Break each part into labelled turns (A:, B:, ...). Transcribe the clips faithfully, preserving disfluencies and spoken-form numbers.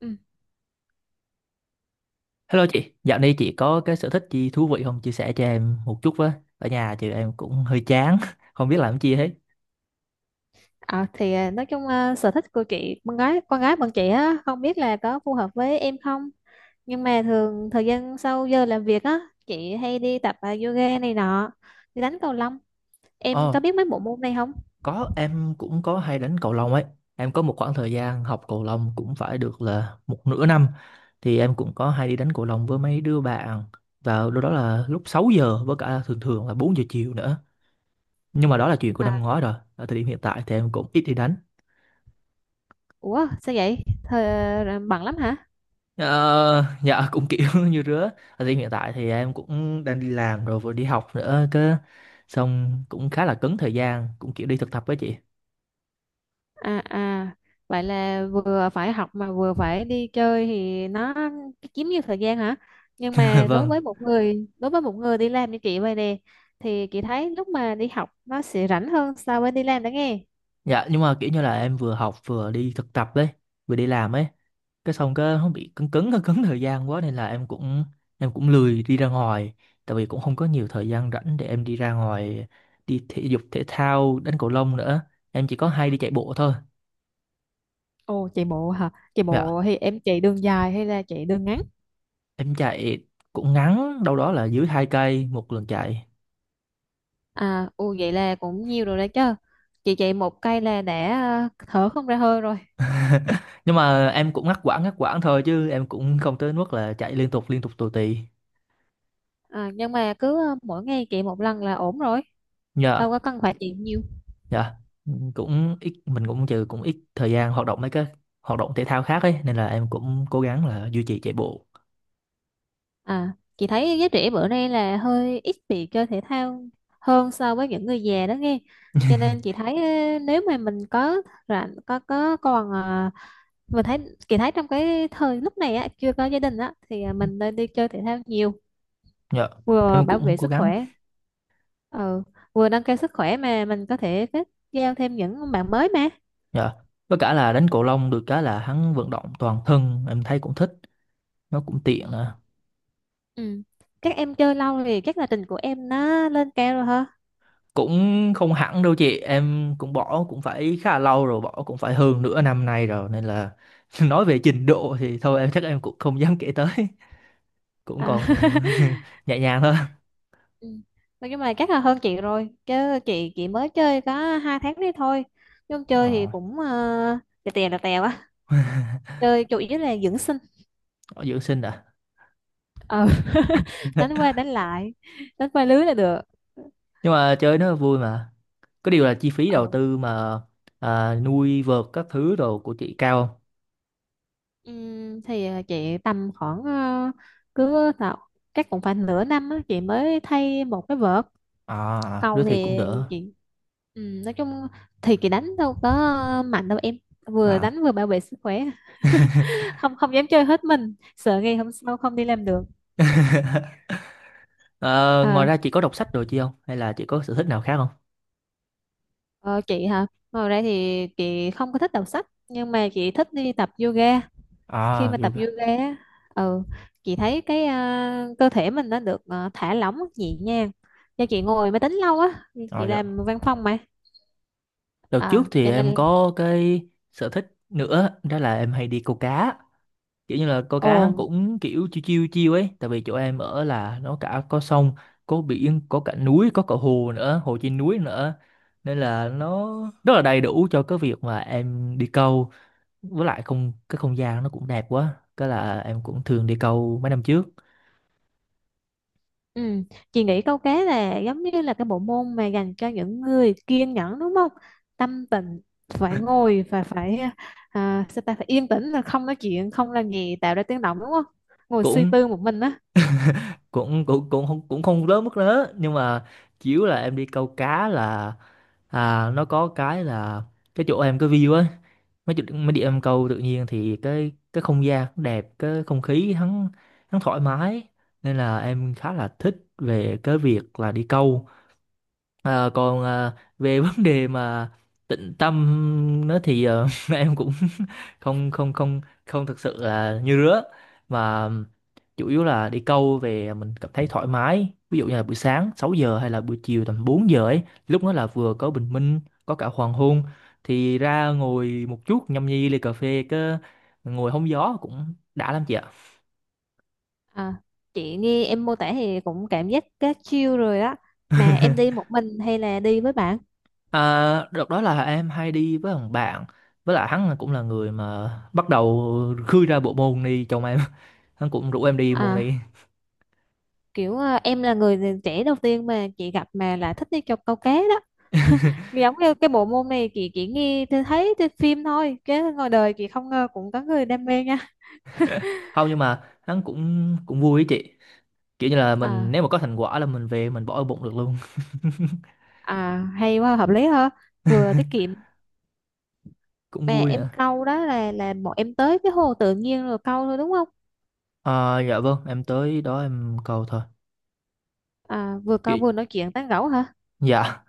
A: Ừ.
B: Hello chị, dạo này chị có cái sở thích gì thú vị không? Chia sẻ cho em một chút với. Ở nhà chị em cũng hơi chán, không biết làm gì hết.
A: Ờ, thì à, nói chung à, sở thích của chị con gái con gái bọn chị á, không biết là có phù hợp với em không, nhưng mà thường thời gian sau giờ làm việc á, chị hay đi tập à, yoga này nọ, đi đánh cầu lông. Em có
B: Ờ,
A: biết mấy bộ môn này không?
B: có em cũng có hay đánh cầu lông ấy. Em có một khoảng thời gian học cầu lông cũng phải được là một nửa năm. Thì em cũng có hay đi đánh cầu lông với mấy đứa bạn. Vào lúc đó là lúc sáu giờ với cả thường thường là bốn giờ chiều nữa. Nhưng mà đó là chuyện của
A: À,
B: năm ngoái rồi. Ở thời điểm hiện tại thì em cũng ít đi đánh.
A: ủa sao vậy? Thời, à, bận lắm hả?
B: Ờ, dạ cũng kiểu như rứa. Ở hiện tại thì em cũng đang đi làm rồi vừa đi học nữa cơ, xong cũng khá là cứng thời gian, cũng kiểu đi thực tập với chị.
A: À à, vậy là vừa phải học mà vừa phải đi chơi thì nó chiếm nhiều thời gian hả? Nhưng mà đối với
B: Vâng.
A: một người đối với một người đi làm như chị vậy nè, thì chị thấy lúc mà đi học nó sẽ rảnh hơn so với đi làm đó nghe.
B: Dạ nhưng mà kiểu như là em vừa học vừa đi thực tập đấy, vừa đi làm ấy. Cái xong cái nó bị cứng cứng, cứng cứng thời gian quá nên là em cũng em cũng lười đi ra ngoài, tại vì cũng không có nhiều thời gian rảnh để em đi ra ngoài đi thể dục thể thao đánh cầu lông nữa. Em chỉ có hay đi chạy bộ thôi.
A: Ồ, chạy bộ hả? Chạy
B: Dạ,
A: bộ thì em chạy đường dài hay là chạy đường ngắn?
B: em chạy cũng ngắn, đâu đó là dưới hai cây một lần chạy.
A: À, ồ, vậy là cũng nhiều rồi đấy chứ. Chị chạy một cây là đã à, thở không ra hơi rồi.
B: Nhưng mà em cũng ngắt quãng ngắt quãng thôi chứ em cũng không tới mức là chạy liên tục liên tục tù tì.
A: À, nhưng mà cứ à, mỗi ngày chạy một lần là ổn rồi,
B: Nhờ,
A: đâu có cần phải chạy nhiều.
B: nhờ cũng ít, mình cũng trừ cũng ít thời gian hoạt động mấy cái hoạt động thể thao khác ấy nên là em cũng cố gắng là duy trì chạy bộ.
A: À, chị thấy giới trẻ bữa nay là hơi ít bị chơi thể thao hơn so với những người già đó nghe. Cho nên chị thấy ờ, nếu mà mình có rảnh có có còn ờ, mình thấy chị thấy trong cái thời lúc này á, chưa có gia đình á, thì ờ, mình nên đi chơi thể thao nhiều,
B: Dạ,
A: vừa
B: em
A: bảo
B: cũng
A: vệ
B: cố
A: sức
B: gắng.
A: khỏe, ừ, vừa nâng cao sức khỏe mà mình có thể kết giao thêm những bạn mới mà.
B: Dạ. Với cả là đánh cầu lông được cái là hắn vận động toàn thân, em thấy cũng thích, nó cũng tiện nè.
A: Ừ. Các em chơi lâu thì chắc là trình của em nó lên cao rồi hả?
B: Cũng không hẳn đâu chị, em cũng bỏ cũng phải khá là lâu rồi, bỏ cũng phải hơn nửa năm nay rồi nên là nói về trình độ thì thôi em chắc em cũng không dám kể tới, cũng
A: À.
B: còn nhẹ nhàng thôi.
A: Ừ. Mà nhưng mà chắc là hơn chị rồi chứ, chị chị mới chơi có hai tháng đấy thôi, nhưng chơi thì
B: ờ,
A: cũng ờ, tè tè là tè quá, chơi chủ yếu là dưỡng sinh.
B: Ở dưỡng sinh à?
A: Ờ. Đánh qua đánh lại, đánh qua lưới là được.
B: Nhưng mà chơi nó vui mà, có điều là chi phí đầu
A: Ừ.
B: tư mà, à, nuôi vợt các thứ đồ của chị cao không?
A: Ừm, thì ờ, chị tầm khoảng ờ, cứ tạo chắc cũng phải nửa năm á, chị mới thay một cái vợt.
B: À đứa
A: Cầu
B: thì cũng
A: thì
B: đỡ.
A: chị ừm, nói chung thì chị đánh đâu có mạnh đâu em, vừa
B: À.
A: đánh vừa bảo vệ sức khỏe, không không dám chơi hết mình, sợ ngày hôm sau không đi làm được.
B: Ờ, ngoài
A: à,
B: ra chị có đọc sách rồi chị không hay là chị có sở thích nào khác không?
A: ờ, chị hả, ngồi đây thì chị không có thích đọc sách, nhưng mà chị thích đi tập yoga. Khi
B: À
A: mà tập
B: yoga.
A: yoga á, ừ, chị thấy cái à, cơ thể mình nó được à, thả lỏng nhẹ nhàng, do chị ngồi máy tính lâu á,
B: À,
A: chị
B: dạ.
A: làm văn phòng mà.
B: Đợt trước
A: À,
B: thì
A: cho
B: em
A: nên
B: có cái sở thích nữa đó là em hay đi câu cá, kiểu như là câu
A: ồ.
B: cá cũng kiểu chiêu chiêu chiêu ấy, tại vì chỗ em ở là nó cả có sông, có biển, có cả núi, có cả hồ nữa, hồ trên núi nữa, nên là nó rất là đầy đủ cho cái việc mà em đi câu. Với lại không, cái không gian nó cũng đẹp quá cái là em cũng thường đi câu mấy năm trước.
A: Ừ. Chị nghĩ câu cá là giống như là cái bộ môn mà dành cho những người kiên nhẫn đúng không? Tâm tịnh, phải ngồi và phải à, sao ta, phải yên tĩnh, là không nói chuyện không làm gì tạo ra tiếng động đúng không? Ngồi suy
B: cũng
A: tư một mình á.
B: cũng cũng cũng không cũng không lớn mức lớn nhưng mà chủ yếu là em đi câu cá là, à nó có cái là cái chỗ em cái view á, mấy chỗ- mấy đi em câu tự nhiên thì cái cái không gian cũng đẹp, cái không khí hắn hắn thoải mái nên là em khá là thích về cái việc là đi câu. Ờ, còn ờ, về vấn đề mà tịnh tâm nó thì ờ, em cũng không không không không thực sự là như rứa, mà chủ yếu là đi câu về mình cảm thấy thoải mái, ví dụ như là buổi sáng sáu giờ hay là buổi chiều tầm bốn giờ ấy, lúc đó là vừa có bình minh, có cả hoàng hôn, thì ra ngồi một chút nhâm nhi ly cà phê, cứ ngồi hóng gió cũng đã lắm chị ạ.
A: À, chị nghe em mô tả thì cũng cảm giác cá chiêu rồi á. Mà em đi một mình hay là đi với bạn?
B: À, đợt đó là em hay đi với thằng bạn, với lại hắn cũng là người mà bắt đầu khơi ra bộ môn đi chồng em, hắn cũng rủ em đi môn
A: À,
B: đi.
A: kiểu à, em là người trẻ đầu tiên mà chị gặp mà lại thích đi cho câu cá đó. Giống như cái bộ môn này chị chỉ nghe tôi thấy trên phim thôi, chứ ngoài đời chị không ngờ cũng có người đam mê nha.
B: Không nhưng mà hắn cũng cũng vui với chị, kiểu như là mình
A: À.
B: nếu mà có thành quả là mình về mình bỏ ở bụng được luôn.
A: À, hay quá, hợp lý ha, vừa tiết kiệm.
B: Cũng
A: Mà
B: vui
A: em
B: nữa.
A: câu đó là là bọn em tới cái hồ tự nhiên rồi câu thôi đúng không?
B: À, dạ vâng em tới đó em cầu thôi.
A: À, vừa
B: Chị.
A: câu vừa nói chuyện tán gẫu hả?
B: Dạ.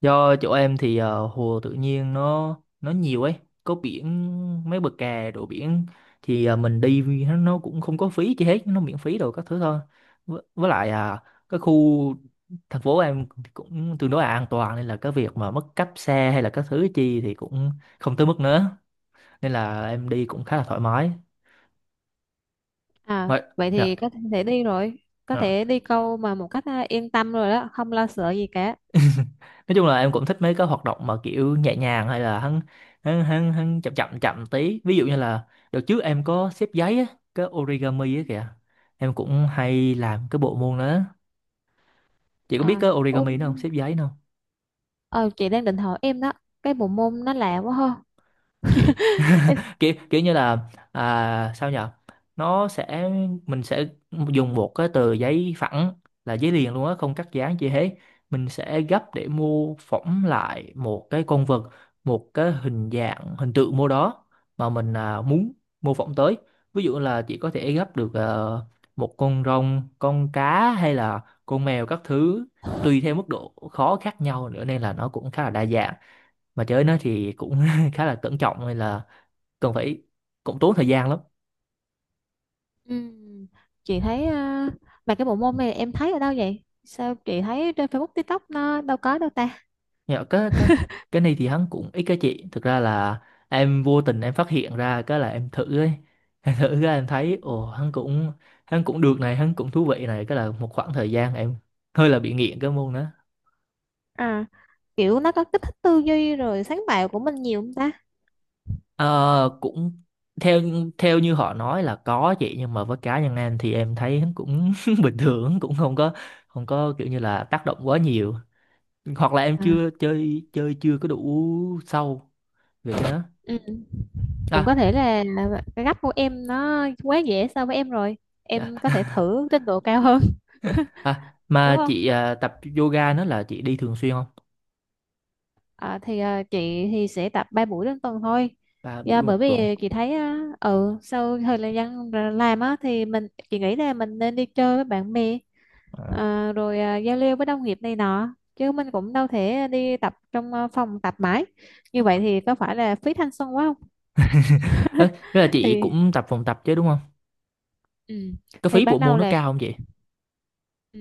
B: Do chỗ em thì ờ, hồ tự nhiên nó nó nhiều ấy, có biển, mấy bờ kè đồ biển, thì ờ, mình đi vì nó nó cũng không có phí chi hết, nó miễn phí đồ các thứ thôi. Với, với lại à cái khu thành phố em cũng tương đối là an toàn nên là cái việc mà mất cắp xe hay là các thứ chi thì cũng không tới mức nữa. Nên là em đi cũng khá là thoải mái.
A: À,
B: Mà,
A: vậy
B: dạ.
A: thì có thể đi rồi, có
B: Dạ.
A: thể đi câu mà một cách à, yên tâm rồi đó, không lo sợ gì cả.
B: Nói chung là em cũng thích mấy cái hoạt động mà kiểu nhẹ nhàng hay là hắn, hắn hắn hắn chậm chậm chậm tí, ví dụ như là đợt trước em có xếp giấy á, cái origami á kìa, em cũng hay làm cái bộ môn đó. Chị có biết
A: À
B: cái
A: ôm.
B: origami đó không, xếp giấy đó không?
A: ờ, chị đang định hỏi em đó, cái bộ môn nó lạ quá ha.
B: kiểu kiểu kiểu như là, à, sao nhở, nó sẽ, mình sẽ dùng một cái tờ giấy phẳng, là giấy liền luôn á không cắt dán gì hết, mình sẽ gấp để mô phỏng lại một cái con vật, một cái hình dạng hình tượng mô đó mà mình à, muốn mô phỏng tới, ví dụ là chỉ có thể gấp được ờ, một con rồng, con cá hay là con mèo các thứ, tùy theo mức độ khó khác nhau nữa nên là nó cũng khá là đa dạng, mà chơi nó thì cũng khá là cẩn trọng hay là cần phải, cũng tốn thời gian lắm.
A: Ừm, chị thấy à, mà cái bộ môn này em thấy ở đâu vậy? Sao chị thấy trên Facebook, TikTok nó đâu có đâu ta?
B: Nhưng cái cái cái này thì hắn cũng ít, cái chị thực ra là em vô tình em phát hiện ra cái là em thử ấy, em thử cái em
A: Ừ.
B: thấy ồ hắn cũng, hắn cũng được này, hắn cũng thú vị này, cái là một khoảng thời gian em hơi là bị nghiện cái môn đó.
A: À, kiểu nó có kích thích tư duy rồi sáng tạo của mình nhiều không ta?
B: Ờ, cũng theo theo như họ nói là có chị, nhưng mà với cá nhân em thì em thấy hắn cũng bình thường, cũng không có không có kiểu như là tác động quá nhiều, hoặc là em
A: À,
B: chưa chơi chơi chưa có đủ sâu về cái đó.
A: ừ. Cũng có thể là cái gấp của em nó quá dễ so với em rồi.
B: À.
A: Em có thể thử trình độ cao hơn,
B: À,
A: đúng
B: mà
A: không?
B: chị à, tập yoga nó là chị đi thường xuyên không?
A: À, thì à, chị thì sẽ tập ba buổi trên tuần thôi.
B: Ba
A: Dạ,
B: buổi một
A: bởi
B: tuần.
A: vì chị thấy à, ừ, sau thời gian làm á, thì mình chị nghĩ là mình nên đi chơi với bạn bè,
B: À.
A: Ờ, rồi à, giao lưu với đồng nghiệp này nọ, chứ mình cũng đâu thể đi tập trong à, phòng tập mãi, như vậy thì có phải là phí thanh xuân quá không?
B: Ê, thế là chị
A: Thì,
B: cũng tập phòng tập chứ đúng không?
A: ừ,
B: Cái
A: thì
B: phí
A: ban
B: bộ
A: đầu
B: môn nó
A: là,
B: cao không chị?
A: ừ,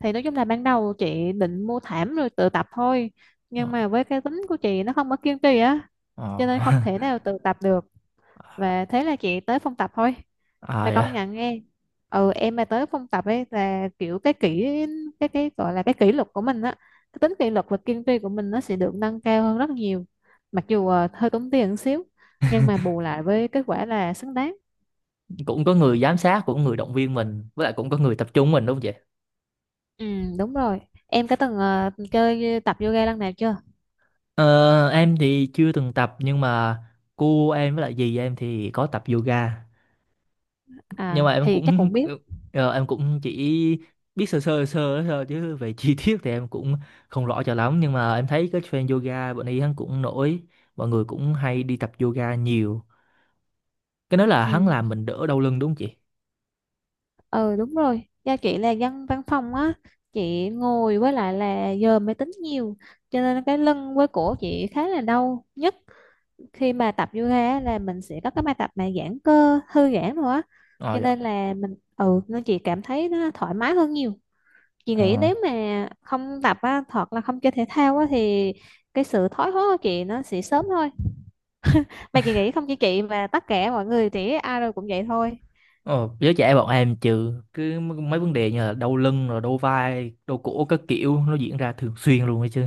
A: thì nói chung là ban đầu chị định mua thảm rồi tự tập thôi, nhưng
B: Ờ.
A: mà với cái tính của chị nó không có kiên trì á, cho
B: Ờ.
A: nên không thể nào tự tập được, và thế là chị tới phòng tập thôi.
B: À,
A: Mà công
B: dạ.
A: nhận nghe, ừ, em mà tới phòng tập ấy là kiểu cái kỷ cái cái gọi là cái kỷ luật của mình á, cái tính kỷ luật và kiên trì của mình nó sẽ được nâng cao hơn rất nhiều, mặc dù ờ, hơi tốn tiền một xíu, nhưng mà bù lại với kết quả là xứng đáng.
B: Cũng có người giám sát, cũng có người động viên mình, với lại cũng có người tập trung mình đúng không chị?
A: Ừ, đúng rồi. Em có từng ờ, chơi tập yoga lần nào chưa?
B: Ờ, em thì chưa từng tập nhưng mà cô em với lại dì em thì có tập yoga, nhưng
A: À,
B: mà em
A: thì chắc
B: cũng
A: cũng biết.
B: ờ, em cũng chỉ biết sơ sơ sơ thôi chứ về chi tiết thì em cũng không rõ cho lắm, nhưng mà em thấy cái trend yoga bọn ấy hắn cũng nổi, mọi người cũng hay đi tập yoga nhiều. Cái đó là hắn
A: Ừ.
B: làm mình đỡ đau lưng đúng không chị?
A: Ừ, đúng rồi, do chị là dân văn phòng á, chị ngồi với lại là giờ máy tính nhiều, cho nên cái lưng với cổ chị khá là đau nhất. Khi mà tập yoga á, là mình sẽ có cái bài tập mà giãn cơ thư giãn rồi á,
B: Ờ
A: cho
B: dạ.
A: nên là mình, ừ, nên chị cảm thấy nó thoải mái hơn nhiều. Chị
B: Ờ,
A: nghĩ nếu mà không tập á, hoặc là không chơi thể thao á, thì cái sự thoái hóa của chị nó sẽ sớm thôi, mà chị nghĩ không chỉ chị mà tất cả mọi người thì ai rồi cũng vậy thôi.
B: ờ giới trẻ bọn em trừ cứ mấy vấn đề như là đau lưng rồi đau vai đau cổ các kiểu nó diễn ra thường xuyên luôn ấy chứ.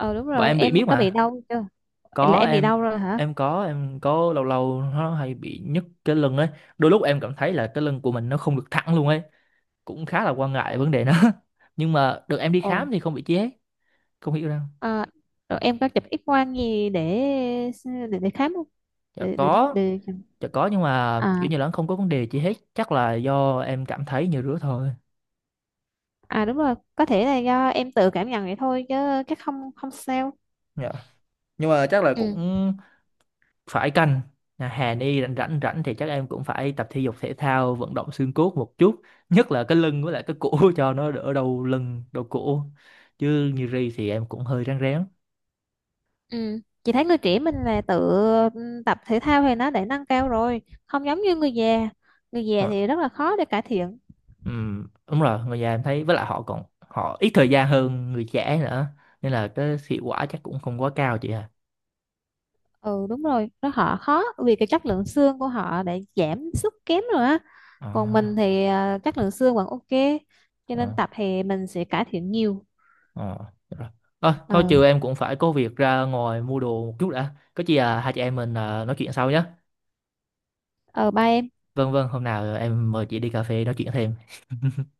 A: Ừ đúng
B: Bọn
A: rồi,
B: em bị biết
A: em có bị
B: mà.
A: đau chưa? Là
B: Có
A: em bị
B: em,
A: đau rồi hả?
B: em có em có lâu lâu nó hay bị nhức cái lưng ấy, đôi lúc em cảm thấy là cái lưng của mình nó không được thẳng luôn ấy, cũng khá là quan ngại vấn đề đó. Nhưng mà được em đi
A: Ồ,
B: khám thì không bị chi hết, không hiểu đâu.
A: à, rồi em có chụp X quang gì để để, để khám không?
B: Dạ
A: Để, để,
B: có.
A: để...
B: Dạ có nhưng mà
A: À,
B: kiểu như là nó không có vấn đề chi hết, chắc là do em cảm thấy như rứa thôi.
A: à đúng rồi, có thể là do em tự cảm nhận vậy thôi chứ chắc không, không sao.
B: Dạ nhưng mà chắc là
A: Ừ,
B: cũng phải canh. À, Hà Ni rảnh rảnh rảnh thì chắc em cũng phải tập thể dục thể thao vận động xương cốt một chút, nhất là cái lưng với lại cái cổ, cho nó đỡ đau lưng đau cổ chứ như Ri thì em cũng hơi ráng rén.
A: ừ. Chị thấy người trẻ mình là tự ừ, tập thể thao thì nó để nâng cao rồi, không giống như người già. Người già
B: Ờ,
A: thì rất là khó để cải thiện.
B: ừm, đúng rồi, người già em thấy với lại họ còn họ ít thời gian hơn người trẻ nữa nên là cái hiệu quả chắc cũng không quá cao chị à.
A: Ừ đúng rồi, nó họ khó vì cái chất lượng xương của họ đã giảm sút kém rồi á.
B: Ờ,
A: Còn mình thì à, chất lượng xương vẫn ok, cho nên
B: ờ,
A: tập thì mình sẽ cải thiện nhiều.
B: ờ, được rồi. Ờ,
A: Ờ.
B: thôi chiều em cũng phải có việc ra ngoài mua đồ một chút đã, có chi à hai chị em mình à, nói chuyện sau nhé.
A: Ờ ba em
B: Vâng vâng, hôm nào em mời chị đi cà phê nói chuyện thêm.